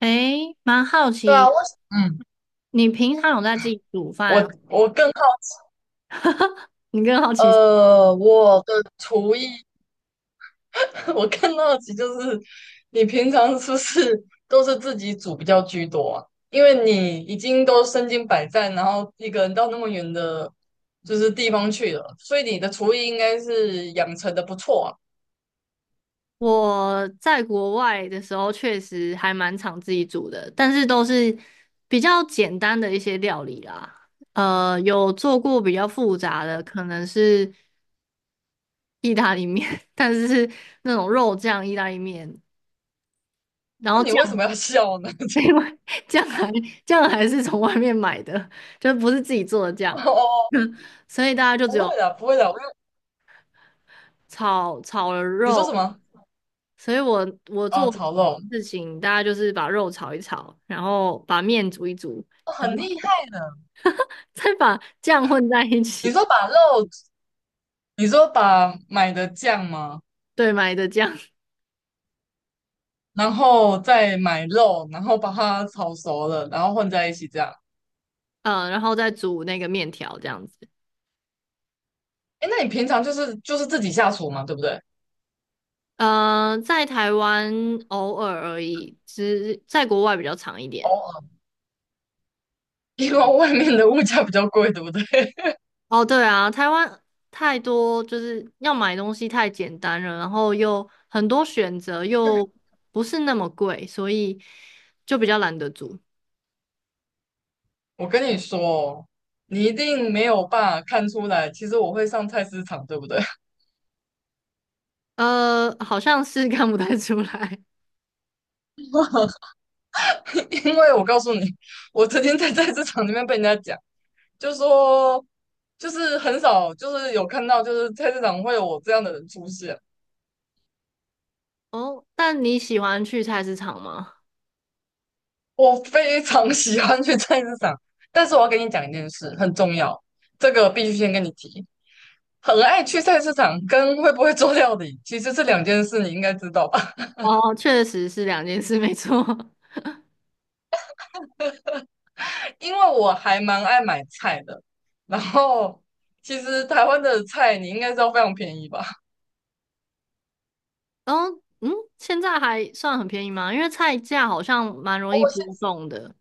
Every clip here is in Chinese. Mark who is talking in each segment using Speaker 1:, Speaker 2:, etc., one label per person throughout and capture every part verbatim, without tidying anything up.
Speaker 1: 诶，蛮好
Speaker 2: 对啊，
Speaker 1: 奇，
Speaker 2: 我嗯，
Speaker 1: 你平常有在自己煮
Speaker 2: 我
Speaker 1: 饭？
Speaker 2: 我更好，
Speaker 1: 你更好奇。
Speaker 2: 呃，我的厨艺。我更好奇就是你平常是不是都是自己煮比较居多啊？因为你已经都身经百战，然后一个人到那么远的，就是地方去了，所以你的厨艺应该是养成的不错啊。
Speaker 1: 我在国外的时候，确实还蛮常自己煮的，但是都是比较简单的一些料理啦。呃，有做过比较复杂的，可能是意大利面，但是是那种肉酱意大利面，然
Speaker 2: 那
Speaker 1: 后
Speaker 2: 你
Speaker 1: 酱，
Speaker 2: 为什么要 笑呢？
Speaker 1: 另外酱还酱还是从外面买的，就不是自己做的
Speaker 2: 哦
Speaker 1: 酱。
Speaker 2: 哦，哦，
Speaker 1: 所以大家就只
Speaker 2: 不会
Speaker 1: 有
Speaker 2: 的，不会的，我有，
Speaker 1: 炒炒了
Speaker 2: 你说
Speaker 1: 肉，
Speaker 2: 什么？
Speaker 1: 所以我我
Speaker 2: 哦，
Speaker 1: 做
Speaker 2: 炒肉。
Speaker 1: 事情，大家就是把肉炒一炒，然后把面煮一煮，
Speaker 2: 哦，
Speaker 1: 然
Speaker 2: 很
Speaker 1: 后
Speaker 2: 厉害的。
Speaker 1: 再把酱混在一
Speaker 2: 你
Speaker 1: 起。
Speaker 2: 说把肉，你说把买的酱吗？
Speaker 1: 对，买的酱。
Speaker 2: 然后再买肉，然后把它炒熟了，然后混在一起这样。
Speaker 1: 嗯，然后再煮那个面条这样子。
Speaker 2: 哎，那你平常就是就是自己下厨嘛，对不对？
Speaker 1: 呃，在台湾偶尔而已，只在国外比较长一
Speaker 2: 偶
Speaker 1: 点。
Speaker 2: 尔。因为外面的物价比较贵，对不对？
Speaker 1: 哦，对啊，台湾太多，就是要买东西太简单了，然后又很多选择，又不是那么贵，所以就比较懒得煮。
Speaker 2: 我跟你说哦，你一定没有办法看出来，其实我会上菜市场，对不对？
Speaker 1: 呃，好像是 看不太出来
Speaker 2: 因为我告诉你，我曾经在菜市场里面被人家讲，就说就是很少，就是有看到，就是菜市场会有我这样的人出现。
Speaker 1: 哦。但你喜欢去菜市场吗？
Speaker 2: 我非常喜欢去菜市场，但是我要跟你讲一件事，很重要，这个必须先跟你提。很爱去菜市场跟会不会做料理其实是两件事，你应该知道吧？
Speaker 1: 哦，确实是两件事，没错。
Speaker 2: 因为我还蛮爱买菜的，然后其实台湾的菜你应该知道非常便宜吧？
Speaker 1: 哦，嗯，现在还算很便宜吗？因为菜价好像蛮容易波动的。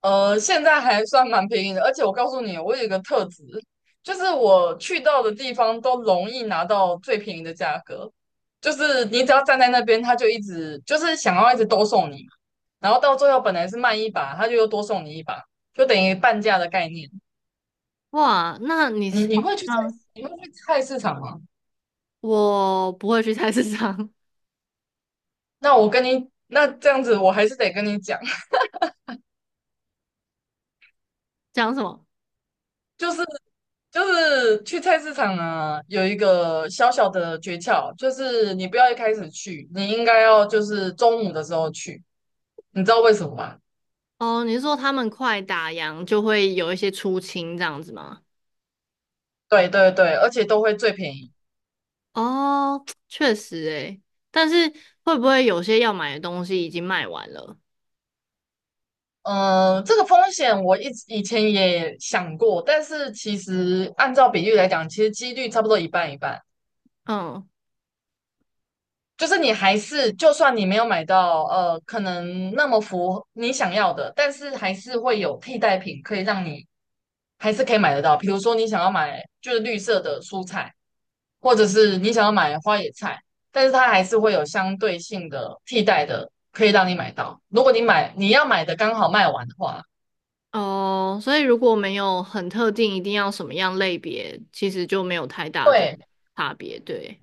Speaker 2: 呃，现在还算蛮便宜的，而且我告诉你，我有一个特质，就是我去到的地方都容易拿到最便宜的价格，就是你只要站在那边，他就一直就是想要一直多送你，然后到最后本来是卖一把，他就又多送你一把，就等于半价的概念。
Speaker 1: 哇，那你
Speaker 2: 你
Speaker 1: 是
Speaker 2: 你
Speaker 1: 好
Speaker 2: 会去菜，
Speaker 1: 像
Speaker 2: 你会去菜市场吗？
Speaker 1: 我不会去菜市场。
Speaker 2: 那我跟你，那这样子我还是得跟你讲，
Speaker 1: 讲什么？
Speaker 2: 就是就是去菜市场啊，有一个小小的诀窍，就是你不要一开始去，你应该要就是中午的时候去，你知道为什么吗？
Speaker 1: 哦，你是说他们快打烊就会有一些出清这样子吗？
Speaker 2: 对对对，而且都会最便宜。
Speaker 1: 哦，确实诶，但是会不会有些要买的东西已经卖完了？
Speaker 2: 嗯、这个风险我一直以前也想过，但是其实按照比例来讲，其实几率差不多一半一半。
Speaker 1: 嗯。
Speaker 2: 就是你还是，就算你没有买到，呃，可能那么符合你想要的，但是还是会有替代品可以让你还是可以买得到。比如说你想要买就是绿色的蔬菜，或者是你想要买花野菜，但是它还是会有相对性的替代的，可以让你买到。如果你买你要买的刚好卖完的话，
Speaker 1: 哦，所以如果没有很特定，一定要什么样类别，其实就没有太大的
Speaker 2: 对，
Speaker 1: 差别。对，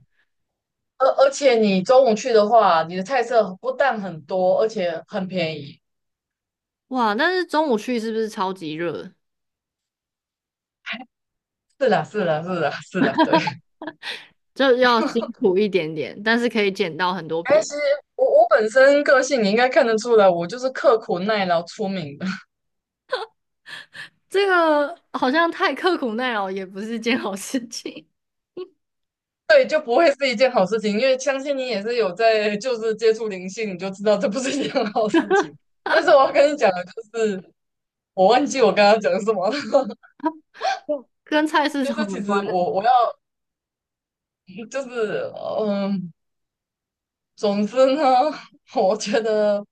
Speaker 2: 而而且你中午去的话，你的菜色不但很多，而且很便宜。
Speaker 1: 哇，但是中午去是不是超级热？
Speaker 2: 是啦，是啦，是啦，是啦，对。
Speaker 1: 这要辛苦一点点，但是可以捡到很多便
Speaker 2: 但
Speaker 1: 宜。
Speaker 2: 是我我本身个性你应该看得出来，我就是刻苦耐劳出名的。
Speaker 1: 这个好像太刻苦耐劳也不是件好事情。
Speaker 2: 对，就不会是一件好事情，因为相信你也是有在就是接触灵性，你就知道这不是一件好事情。但是我要跟你讲的就是，我忘记我刚刚讲什么了。
Speaker 1: 跟菜市
Speaker 2: 就
Speaker 1: 场
Speaker 2: 是
Speaker 1: 有
Speaker 2: 其实
Speaker 1: 关
Speaker 2: 我
Speaker 1: 的。
Speaker 2: 我要就是嗯，总之呢，我觉得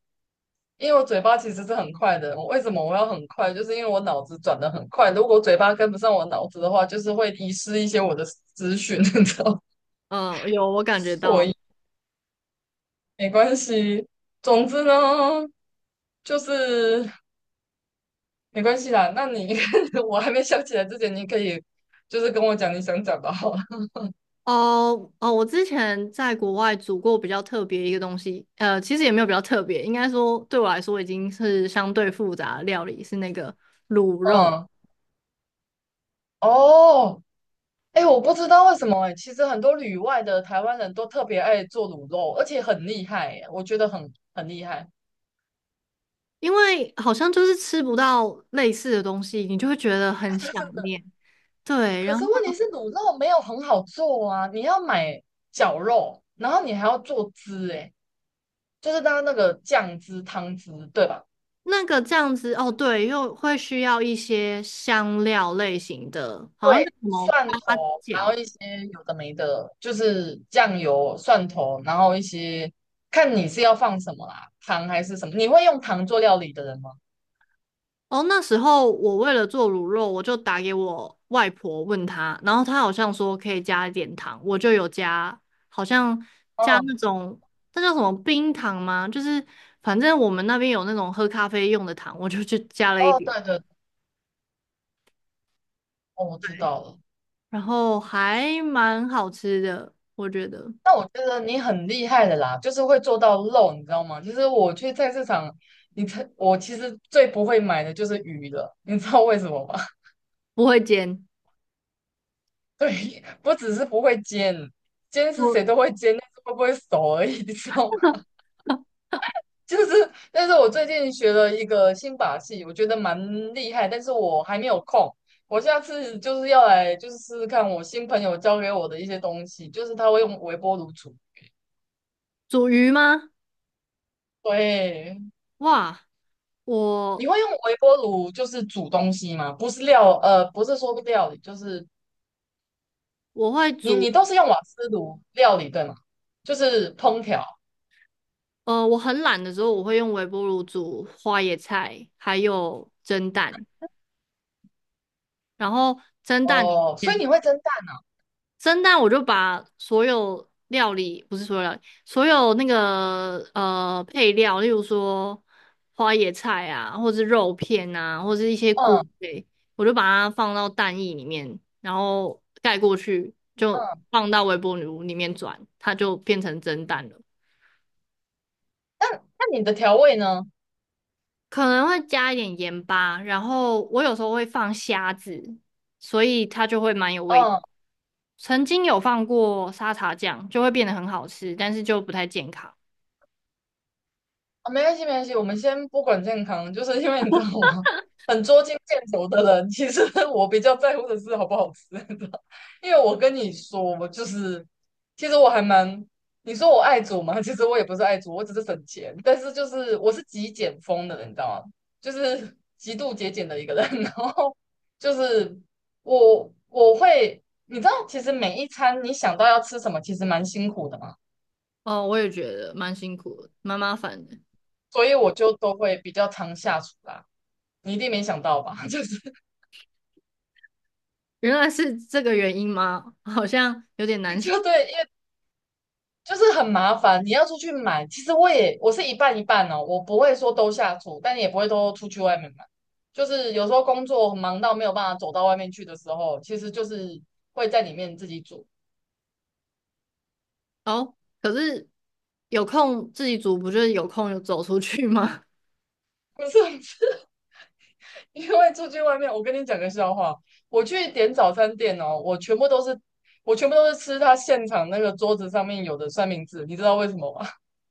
Speaker 2: 因为我嘴巴其实是很快的，我为什么我要很快？就是因为我脑子转得很快，如果嘴巴跟不上我脑子的话，就是会遗失一些我的资讯，你知道吗？
Speaker 1: 嗯，有，我感觉
Speaker 2: 所
Speaker 1: 到。
Speaker 2: 以没关系。总之呢，就是。没关系啦。那你 我还没想起来之前，你可以就是跟我讲你想讲的好了。
Speaker 1: 哦哦，我之前在国外煮过比较特别一个东西，呃，其实也没有比较特别，应该说对我来说已经是相对复杂的料理，是那个卤肉。
Speaker 2: 嗯，哦，哎，我不知道为什么哎，其实很多旅外的台湾人都特别爱做卤肉，而且很厉害哎，我觉得很很厉害。
Speaker 1: 因为好像就是吃不到类似的东西，你就会觉得很
Speaker 2: 对对
Speaker 1: 想
Speaker 2: 对。
Speaker 1: 念。对，
Speaker 2: 可
Speaker 1: 然
Speaker 2: 是
Speaker 1: 后
Speaker 2: 问题是卤肉没有很好做啊，你要买绞肉，然后你还要做汁哎，就是它那个酱汁、汤汁，对吧？
Speaker 1: 那个这样子，哦，对，又会需要一些香料类型的，好像
Speaker 2: 对，
Speaker 1: 叫什么
Speaker 2: 蒜
Speaker 1: 八
Speaker 2: 头，然后
Speaker 1: 角。
Speaker 2: 一些有的没的，就是酱油、蒜头，然后一些看你是要放什么啦，糖还是什么？你会用糖做料理的人吗？
Speaker 1: 哦，那时候我为了做卤肉，我就打给我外婆问她，然后她好像说可以加一点糖，我就有加，好像加
Speaker 2: 嗯，
Speaker 1: 那种那叫什么冰糖吗？就是反正我们那边有那种喝咖啡用的糖，我就去 加了一
Speaker 2: 哦，
Speaker 1: 点，
Speaker 2: 对对，哦，我知道了。
Speaker 1: 然后还蛮好吃的，我觉得
Speaker 2: 那我觉得你很厉害的啦，就是会做到肉，你知道吗？就是我去菜市场，你才我其实最不会买的就是鱼了，你知道为什么吗？
Speaker 1: 不会煎。
Speaker 2: 对，不只是不会煎，煎是谁
Speaker 1: 我
Speaker 2: 都会煎，但是会不会熟而已，你知道吗？就是但是我最近学了一个新把戏，我觉得蛮厉害，但是我还没有空。我下次就是要来，就是试试看我新朋友教给我的一些东西，就是他会用微波炉煮。
Speaker 1: 煮鱼吗？
Speaker 2: 对，
Speaker 1: 哇，
Speaker 2: 你
Speaker 1: 我
Speaker 2: 会用微波炉就是煮东西吗？不是料，呃，不是说料理，就是
Speaker 1: 我会
Speaker 2: 你
Speaker 1: 煮，
Speaker 2: 你都是用瓦斯炉料理对吗？就是烹调。
Speaker 1: 呃，我很懒的时候，我会用微波炉煮花椰菜，还有蒸蛋。然后蒸蛋里
Speaker 2: 哦，所以
Speaker 1: 面，
Speaker 2: 你会蒸蛋。
Speaker 1: 蒸蛋我就把所有料理，不是所有料理，所有那个呃配料，例如说花椰菜啊，或是肉片啊，或是一些菇
Speaker 2: 嗯
Speaker 1: 类，我就把它放到蛋液里面，然后盖过去，就
Speaker 2: 嗯，
Speaker 1: 放到微波炉里面转，它就变成蒸蛋了。
Speaker 2: 那那你的调味呢？
Speaker 1: 可能会加一点盐巴，然后我有时候会放虾子，所以它就会蛮有味。
Speaker 2: 嗯
Speaker 1: 曾经有放过沙茶酱，就会变得很好吃，但是就不太健康。
Speaker 2: 啊，没关系，没关系，我们先不管健康，就是 因为你知道吗？很捉襟见肘的人，其实 我比较在乎的是好不好吃，你知道？因为我跟你说，我就是，其实我还蛮，你说我爱煮嘛。其实我也不是爱煮，我只是省钱，但是就是我是极简风的人，你知道吗？就是极度节俭的一个人，然后就是我我会，你知道，其实每一餐你想到要吃什么，其实蛮辛苦的嘛，
Speaker 1: 哦，我也觉得蛮辛苦的，蛮麻烦的。
Speaker 2: 所以我就都会比较常下厨啦。你一定没想到吧？就是
Speaker 1: 原来是这个原因吗？好像有点难想
Speaker 2: 就对，因为就是很麻烦，你要出去买。其实我也我是一半一半哦，我不会说都下厨，但也不会都出去外面买。就是有时候工作忙到没有办法走到外面去的时候，其实就是会在里面自己煮。
Speaker 1: 哦。可是有空自己煮，不就是有空就走出去吗？
Speaker 2: 不是。 因为出去外面，我跟你讲个笑话，我去点早餐店哦，我全部都是我全部都是吃他现场那个桌子上面有的三明治，你知道为什么吗？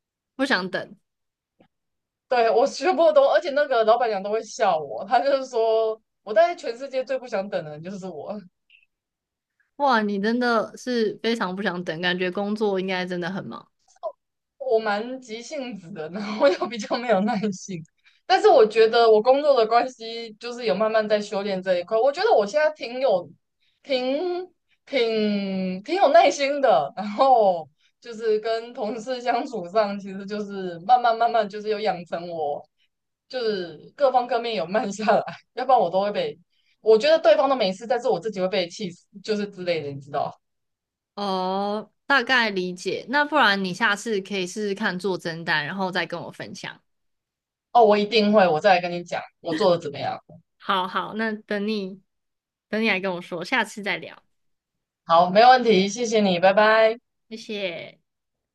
Speaker 1: 不想等。
Speaker 2: 对，我全部都，而且那个老板娘都会笑我，她就是说，我在全世界最不想等的人就是我，
Speaker 1: 哇，你真的是非常不想等，感觉工作应该真的很忙。
Speaker 2: 我蛮急性子的，然后 又比较没有耐性，但是我觉得我工作的关系，就是有慢慢在修炼这一块，我觉得我现在挺有，挺挺挺有耐心的，然后就是跟同事相处上，其实就是慢慢慢慢就是有养成我。就是各方各面有慢下来，要不然我都会被，我觉得对方都没事，但是我自己会被气死，就是之类的，你知道？
Speaker 1: 哦，大概理解。那不然你下次可以试试看做蒸蛋，然后再跟我分享。
Speaker 2: 哦，我一定会，我再来跟你讲我做的怎么样。
Speaker 1: 好好，那等你等你来跟我说，下次再聊，
Speaker 2: 好，没问题，谢谢你，拜拜。
Speaker 1: 谢谢。